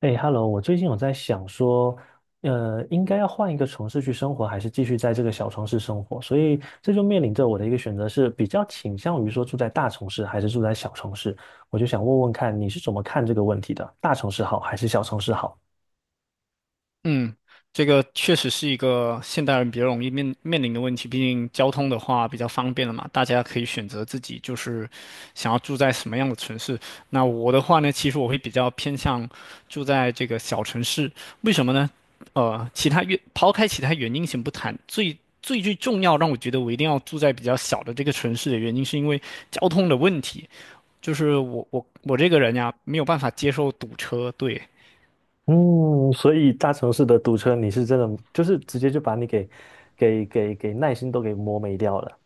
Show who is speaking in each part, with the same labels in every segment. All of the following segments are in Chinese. Speaker 1: 哎，Hello，我最近有在想说，应该要换一个城市去生活，还是继续在这个小城市生活？所以这就面临着我的一个选择是，比较倾向于说住在大城市还是住在小城市。我就想问问看，你是怎么看这个问题的？大城市好还是小城市好？
Speaker 2: 嗯，这个确实是一个现代人比较容易面临的问题。毕竟交通的话比较方便了嘛，大家可以选择自己就是想要住在什么样的城市。那我的话呢，其实我会比较偏向住在这个小城市。为什么呢？其他原抛开其他原因先不谈，最最最重要让我觉得我一定要住在比较小的这个城市的原因，是因为交通的问题。就是我这个人呀，没有办法接受堵车，对。
Speaker 1: 嗯，所以大城市的堵车，你是真的就是直接就把你给耐心都给磨没掉了。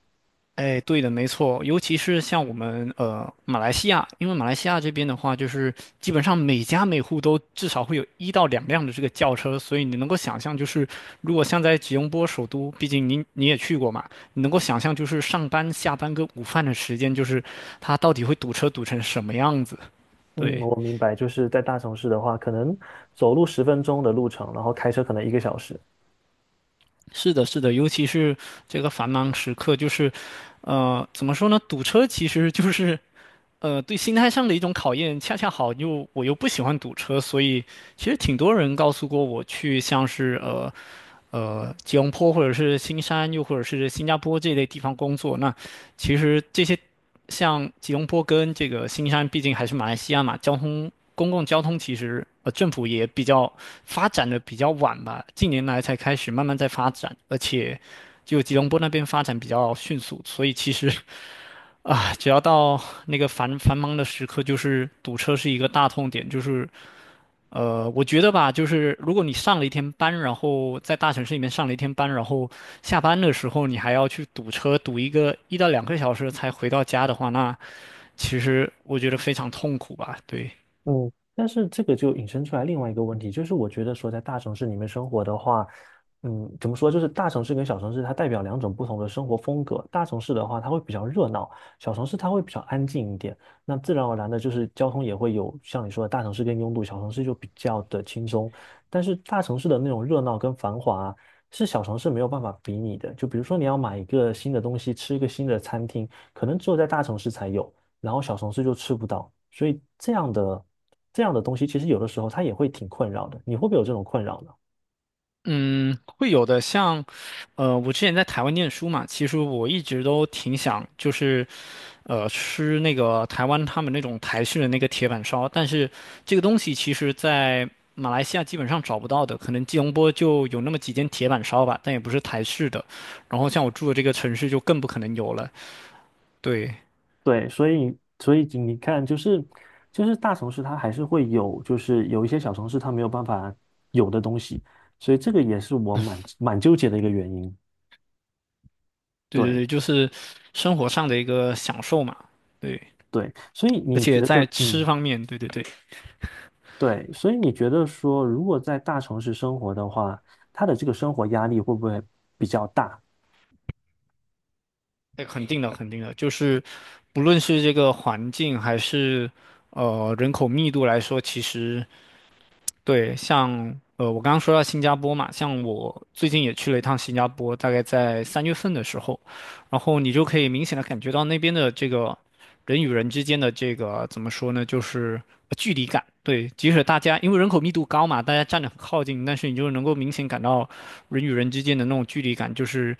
Speaker 2: 哎，对的，没错，尤其是像我们马来西亚，因为马来西亚这边的话，就是基本上每家每户都至少会有1到2辆的这个轿车，所以你能够想象，就是如果像在吉隆坡首都，毕竟你也去过嘛，你能够想象就是上班、下班跟午饭的时间，就是它到底会堵车堵成什么样子？
Speaker 1: 嗯，
Speaker 2: 对，
Speaker 1: 我明白，就是在大城市的话，可能走路10分钟的路程，然后开车可能1个小时。
Speaker 2: 是的，是的，尤其是这个繁忙时刻，就是。怎么说呢？堵车其实就是对心态上的一种考验，恰恰好又我又不喜欢堵车，所以其实挺多人告诉过我去像是吉隆坡或者是新山，又或者是新加坡这类地方工作。那其实这些像吉隆坡跟这个新山，毕竟还是马来西亚嘛，公共交通其实政府也比较发展的比较晚吧，近年来才开始慢慢在发展，而且就吉隆坡那边发展比较迅速，所以其实啊，只要到那个繁忙的时刻，就是堵车是一个大痛点。就是我觉得吧，就是如果你上了一天班，然后在大城市里面上了一天班，然后下班的时候你还要去堵车，堵一个1到2个小时才回到家的话，那其实我觉得非常痛苦吧。对。
Speaker 1: 嗯，但是这个就引申出来另外一个问题，就是我觉得说在大城市里面生活的话，嗯，怎么说，就是大城市跟小城市它代表两种不同的生活风格。大城市的话，它会比较热闹，小城市它会比较安静一点。那自然而然的，就是交通也会有像你说的大城市更拥堵，小城市就比较的轻松。但是大城市的那种热闹跟繁华啊是小城市没有办法比拟的。就比如说你要买一个新的东西，吃一个新的餐厅，可能只有在大城市才有。然后小城市就吃不到，所以这样的东西，其实有的时候它也会挺困扰的。你会不会有这种困扰呢？
Speaker 2: 嗯，会有的。像，我之前在台湾念书嘛，其实我一直都挺想，就是吃那个台湾他们那种台式的那个铁板烧，但是这个东西其实在马来西亚基本上找不到的，可能吉隆坡就有那么几间铁板烧吧，但也不是台式的。然后像我住的这个城市就更不可能有了。对，
Speaker 1: 对，所以你看，就是就是大城市它还是会有，就是有一些小城市它没有办法有的东西，所以这个也是我蛮纠结的一个原因。
Speaker 2: 对对
Speaker 1: 对
Speaker 2: 对，就是生活上的一个享受嘛。对，
Speaker 1: 对，所以
Speaker 2: 而
Speaker 1: 你
Speaker 2: 且
Speaker 1: 觉
Speaker 2: 在
Speaker 1: 得，
Speaker 2: 吃
Speaker 1: 嗯，
Speaker 2: 方面，对对对，
Speaker 1: 对，所以你觉得说，如果在大城市生活的话，他的这个生活压力会不会比较大？
Speaker 2: 那肯定的，肯定的，就是不论是这个环境还是人口密度来说，其实。对，像我刚刚说到新加坡嘛，像我最近也去了一趟新加坡，大概在三月份的时候，然后你就可以明显的感觉到那边的这个人与人之间的这个怎么说呢，就是距离感。对，即使大家因为人口密度高嘛，大家站得很靠近，但是你就能够明显感到人与人之间的那种距离感，就是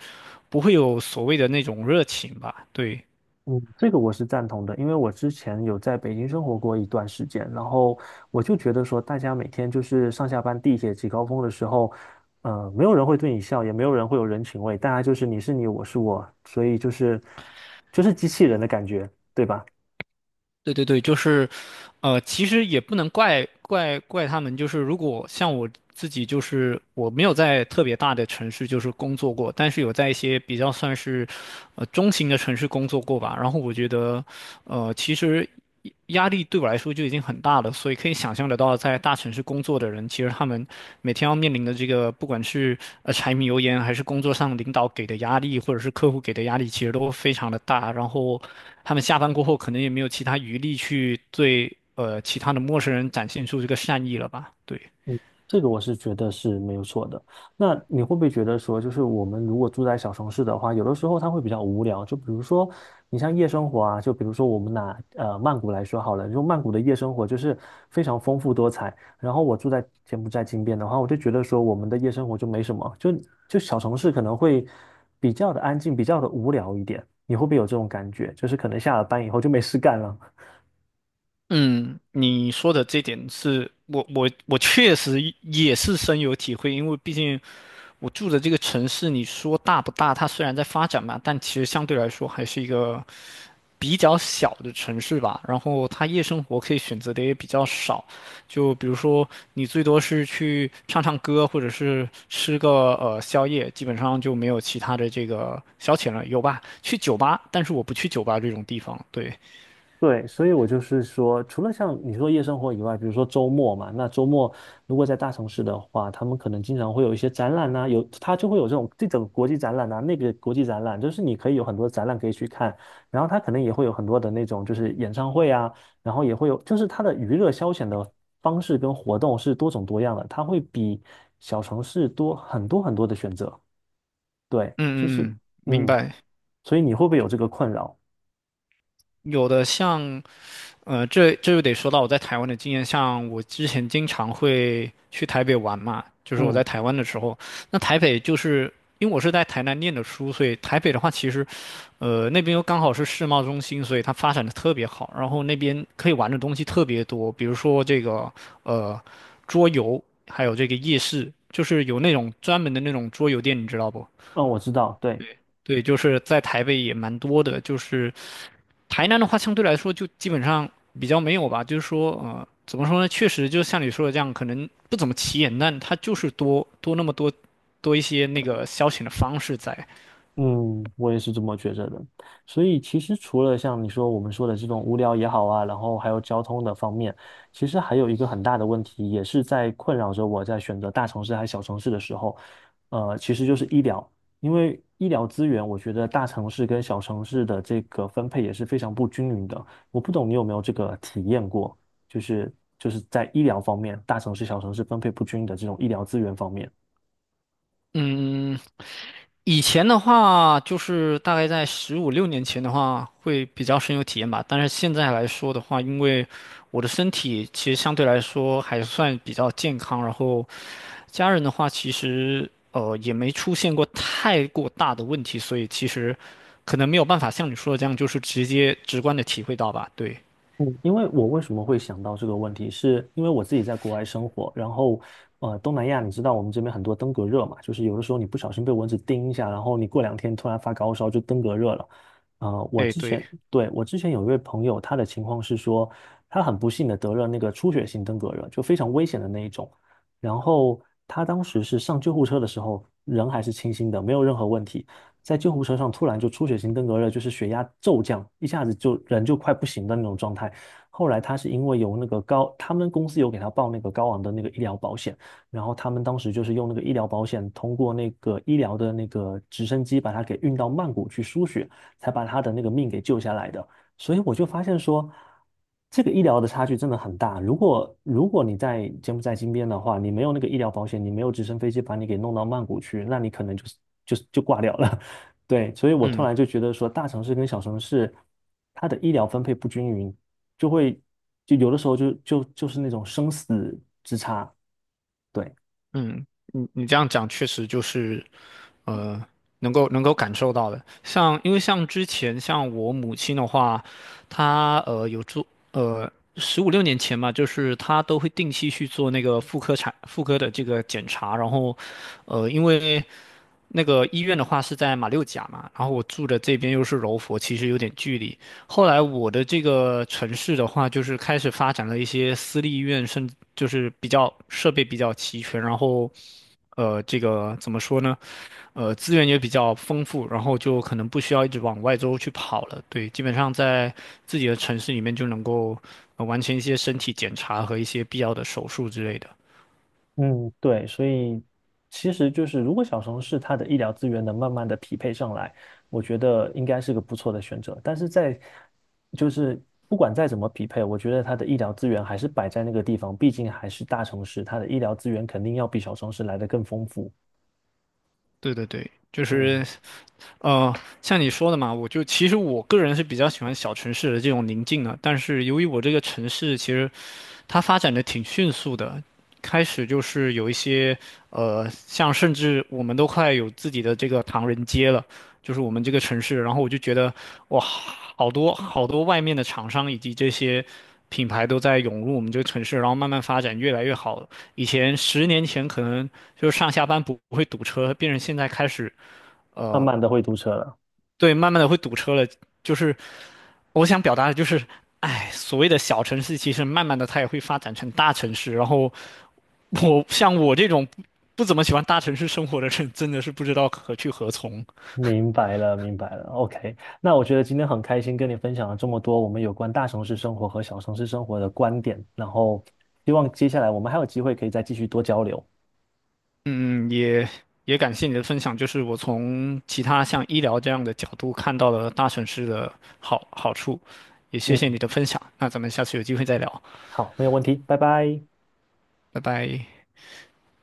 Speaker 2: 不会有所谓的那种热情吧？对。
Speaker 1: 嗯，这个我是赞同的，因为我之前有在北京生活过一段时间，然后我就觉得说，大家每天就是上下班地铁挤高峰的时候，没有人会对你笑，也没有人会有人情味，大家就是你是你，我是我，所以就是机器人的感觉，对吧？
Speaker 2: 对对对，就是，其实也不能怪他们，就是如果像我自己，就是我没有在特别大的城市就是工作过，但是有在一些比较算是，中型的城市工作过吧。然后我觉得，其实。压力对我来说就已经很大了，所以可以想象得到，在大城市工作的人，其实他们每天要面临的这个，不管是柴米油盐，还是工作上领导给的压力，或者是客户给的压力，其实都非常的大。然后他们下班过后，可能也没有其他余力去对其他的陌生人展现出这个善意了吧？对。
Speaker 1: 这个我是觉得是没有错的。那你会不会觉得说，就是我们如果住在小城市的话，有的时候它会比较无聊。就比如说，你像夜生活啊，就比如说我们拿曼谷来说好了，就曼谷的夜生活就是非常丰富多彩。然后我住在柬埔寨金边的话，我就觉得说我们的夜生活就没什么，就小城市可能会比较的安静，比较的无聊一点。你会不会有这种感觉？就是可能下了班以后就没事干了。
Speaker 2: 嗯，你说的这点是我确实也是深有体会，因为毕竟我住的这个城市，你说大不大？它虽然在发展嘛，但其实相对来说还是一个比较小的城市吧。然后它夜生活可以选择的也比较少，就比如说你最多是去唱唱歌，或者是吃个宵夜，基本上就没有其他的这个消遣了。有吧？去酒吧，但是我不去酒吧这种地方。对，
Speaker 1: 对，所以我就是说，除了像你说夜生活以外，比如说周末嘛，那周末如果在大城市的话，他们可能经常会有一些展览呐、有他就会有这种国际展览呐、那个国际展览，就是你可以有很多展览可以去看，然后他可能也会有很多的那种就是演唱会啊，然后也会有就是他的娱乐消遣的方式跟活动是多种多样的，它会比小城市多很多的选择。对，就是
Speaker 2: 嗯嗯嗯，明
Speaker 1: 嗯，
Speaker 2: 白。
Speaker 1: 所以你会不会有这个困扰？
Speaker 2: 有的像，这就得说到我在台湾的经验，像我之前经常会去台北玩嘛，就是我在
Speaker 1: 嗯
Speaker 2: 台湾的时候，那台北就是因为我是在台南念的书，所以台北的话其实，那边又刚好是世贸中心，所以它发展的特别好，然后那边可以玩的东西特别多，比如说这个呃桌游，还有这个夜市，就是有那种专门的那种桌游店，你知道不？
Speaker 1: 嗯，我知道，对。
Speaker 2: 对，就是在台北也蛮多的，就是台南的话，相对来说就基本上比较没有吧，就是说，怎么说呢？确实，就像你说的这样，可能不怎么起眼，但它就是多多那么多多一些那个消遣的方式在。
Speaker 1: 嗯，我也是这么觉着的。所以其实除了像你说我们说的这种无聊也好啊，然后还有交通的方面，其实还有一个很大的问题，也是在困扰着我在选择大城市还是小城市的时候，呃，其实就是医疗，因为医疗资源，我觉得大城市跟小城市的这个分配也是非常不均匀的。我不懂你有没有这个体验过，就是在医疗方面，大城市、小城市分配不均的这种医疗资源方面。
Speaker 2: 嗯，以前的话，就是大概在十五六年前的话，会比较深有体验吧。但是现在来说的话，因为我的身体其实相对来说还算比较健康，然后家人的话，其实也没出现过太过大的问题，所以其实可能没有办法像你说的这样，就是直接直观的体会到吧。对，
Speaker 1: 嗯，因为我为什么会想到这个问题，是因为我自己在国外生活，然后东南亚你知道我们这边很多登革热嘛，就是有的时候你不小心被蚊子叮一下，然后你过两天突然发高烧就登革热了。呃，我
Speaker 2: 哎，
Speaker 1: 之
Speaker 2: 对，
Speaker 1: 前对我之前有一位朋友，他的情况是说，他很不幸的得了那个出血性登革热，就非常危险的那一种。然后他当时是上救护车的时候，人还是清醒的，没有任何问题。在救护车上突然就出血性登革热，就是血压骤降，一下子就人就快不行的那种状态。后来他是因为有那个高，他们公司有给他报那个高昂的那个医疗保险，然后他们当时就是用那个医疗保险，通过那个医疗的那个直升机把他给运到曼谷去输血，才把他的那个命给救下来的。所以我就发现说，这个医疗的差距真的很大。如果你在柬埔寨金边的话，你没有那个医疗保险，你没有直升飞机把你给弄到曼谷去，那你可能就是就挂掉了。对，所以我突
Speaker 2: 嗯。
Speaker 1: 然就觉得说，大城市跟小城市它的医疗分配不均匀，就会就有的时候就是那种生死之差。对，
Speaker 2: 嗯，你这样讲确实就是，呃，能够感受到的。像因为像之前像我母亲的话，她呃有做呃十五六年前嘛，就是她都会定期去做那个妇科的这个检查，然后因为那个医院的话是在马六甲嘛，然后我住的这边又是柔佛，其实有点距离，后来我的这个城市的话，就是开始发展了一些私立医院，甚至就是比较设备比较齐全，然后，这个怎么说呢？资源也比较丰富，然后就可能不需要一直往外州去跑了。对，基本上在自己的城市里面就能够，完成一些身体检查和一些必要的手术之类的。
Speaker 1: 嗯，对，所以其实就是，如果小城市它的医疗资源能慢慢的匹配上来，我觉得应该是个不错的选择。但是在就是不管再怎么匹配，我觉得它的医疗资源还是摆在那个地方，毕竟还是大城市，它的医疗资源肯定要比小城市来的更丰富。
Speaker 2: 对对对，就
Speaker 1: 嗯，
Speaker 2: 是呃，像你说的嘛，我就其实我个人是比较喜欢小城市的这种宁静的，但是由于我这个城市其实它发展的挺迅速的，开始就是有一些像甚至我们都快有自己的这个唐人街了，就是我们这个城市。然后我就觉得哇，好多好多外面的厂商以及这些品牌都在涌入我们这个城市，然后慢慢发展越来越好。以前10年前可能就是上下班不会堵车，变成现在开始，
Speaker 1: 慢
Speaker 2: 呃
Speaker 1: 慢的会堵车了。
Speaker 2: 对，慢慢的会堵车了。就是我想表达的就是，哎，所谓的小城市，其实慢慢的它也会发展成大城市。然后像我这种不怎么喜欢大城市生活的人，真的是不知道何去何从。
Speaker 1: 明白了，明白了。OK，那我觉得今天很开心跟你分享了这么多我们有关大城市生活和小城市生活的观点，然后希望接下来我们还有机会可以再继续多交流。
Speaker 2: 嗯，也感谢你的分享，就是我从其他像医疗这样的角度看到了大城市的好处，也谢谢你
Speaker 1: 嗯，
Speaker 2: 的分享。那咱们下次有机会再聊，
Speaker 1: 好，没有问题，拜拜。
Speaker 2: 拜拜。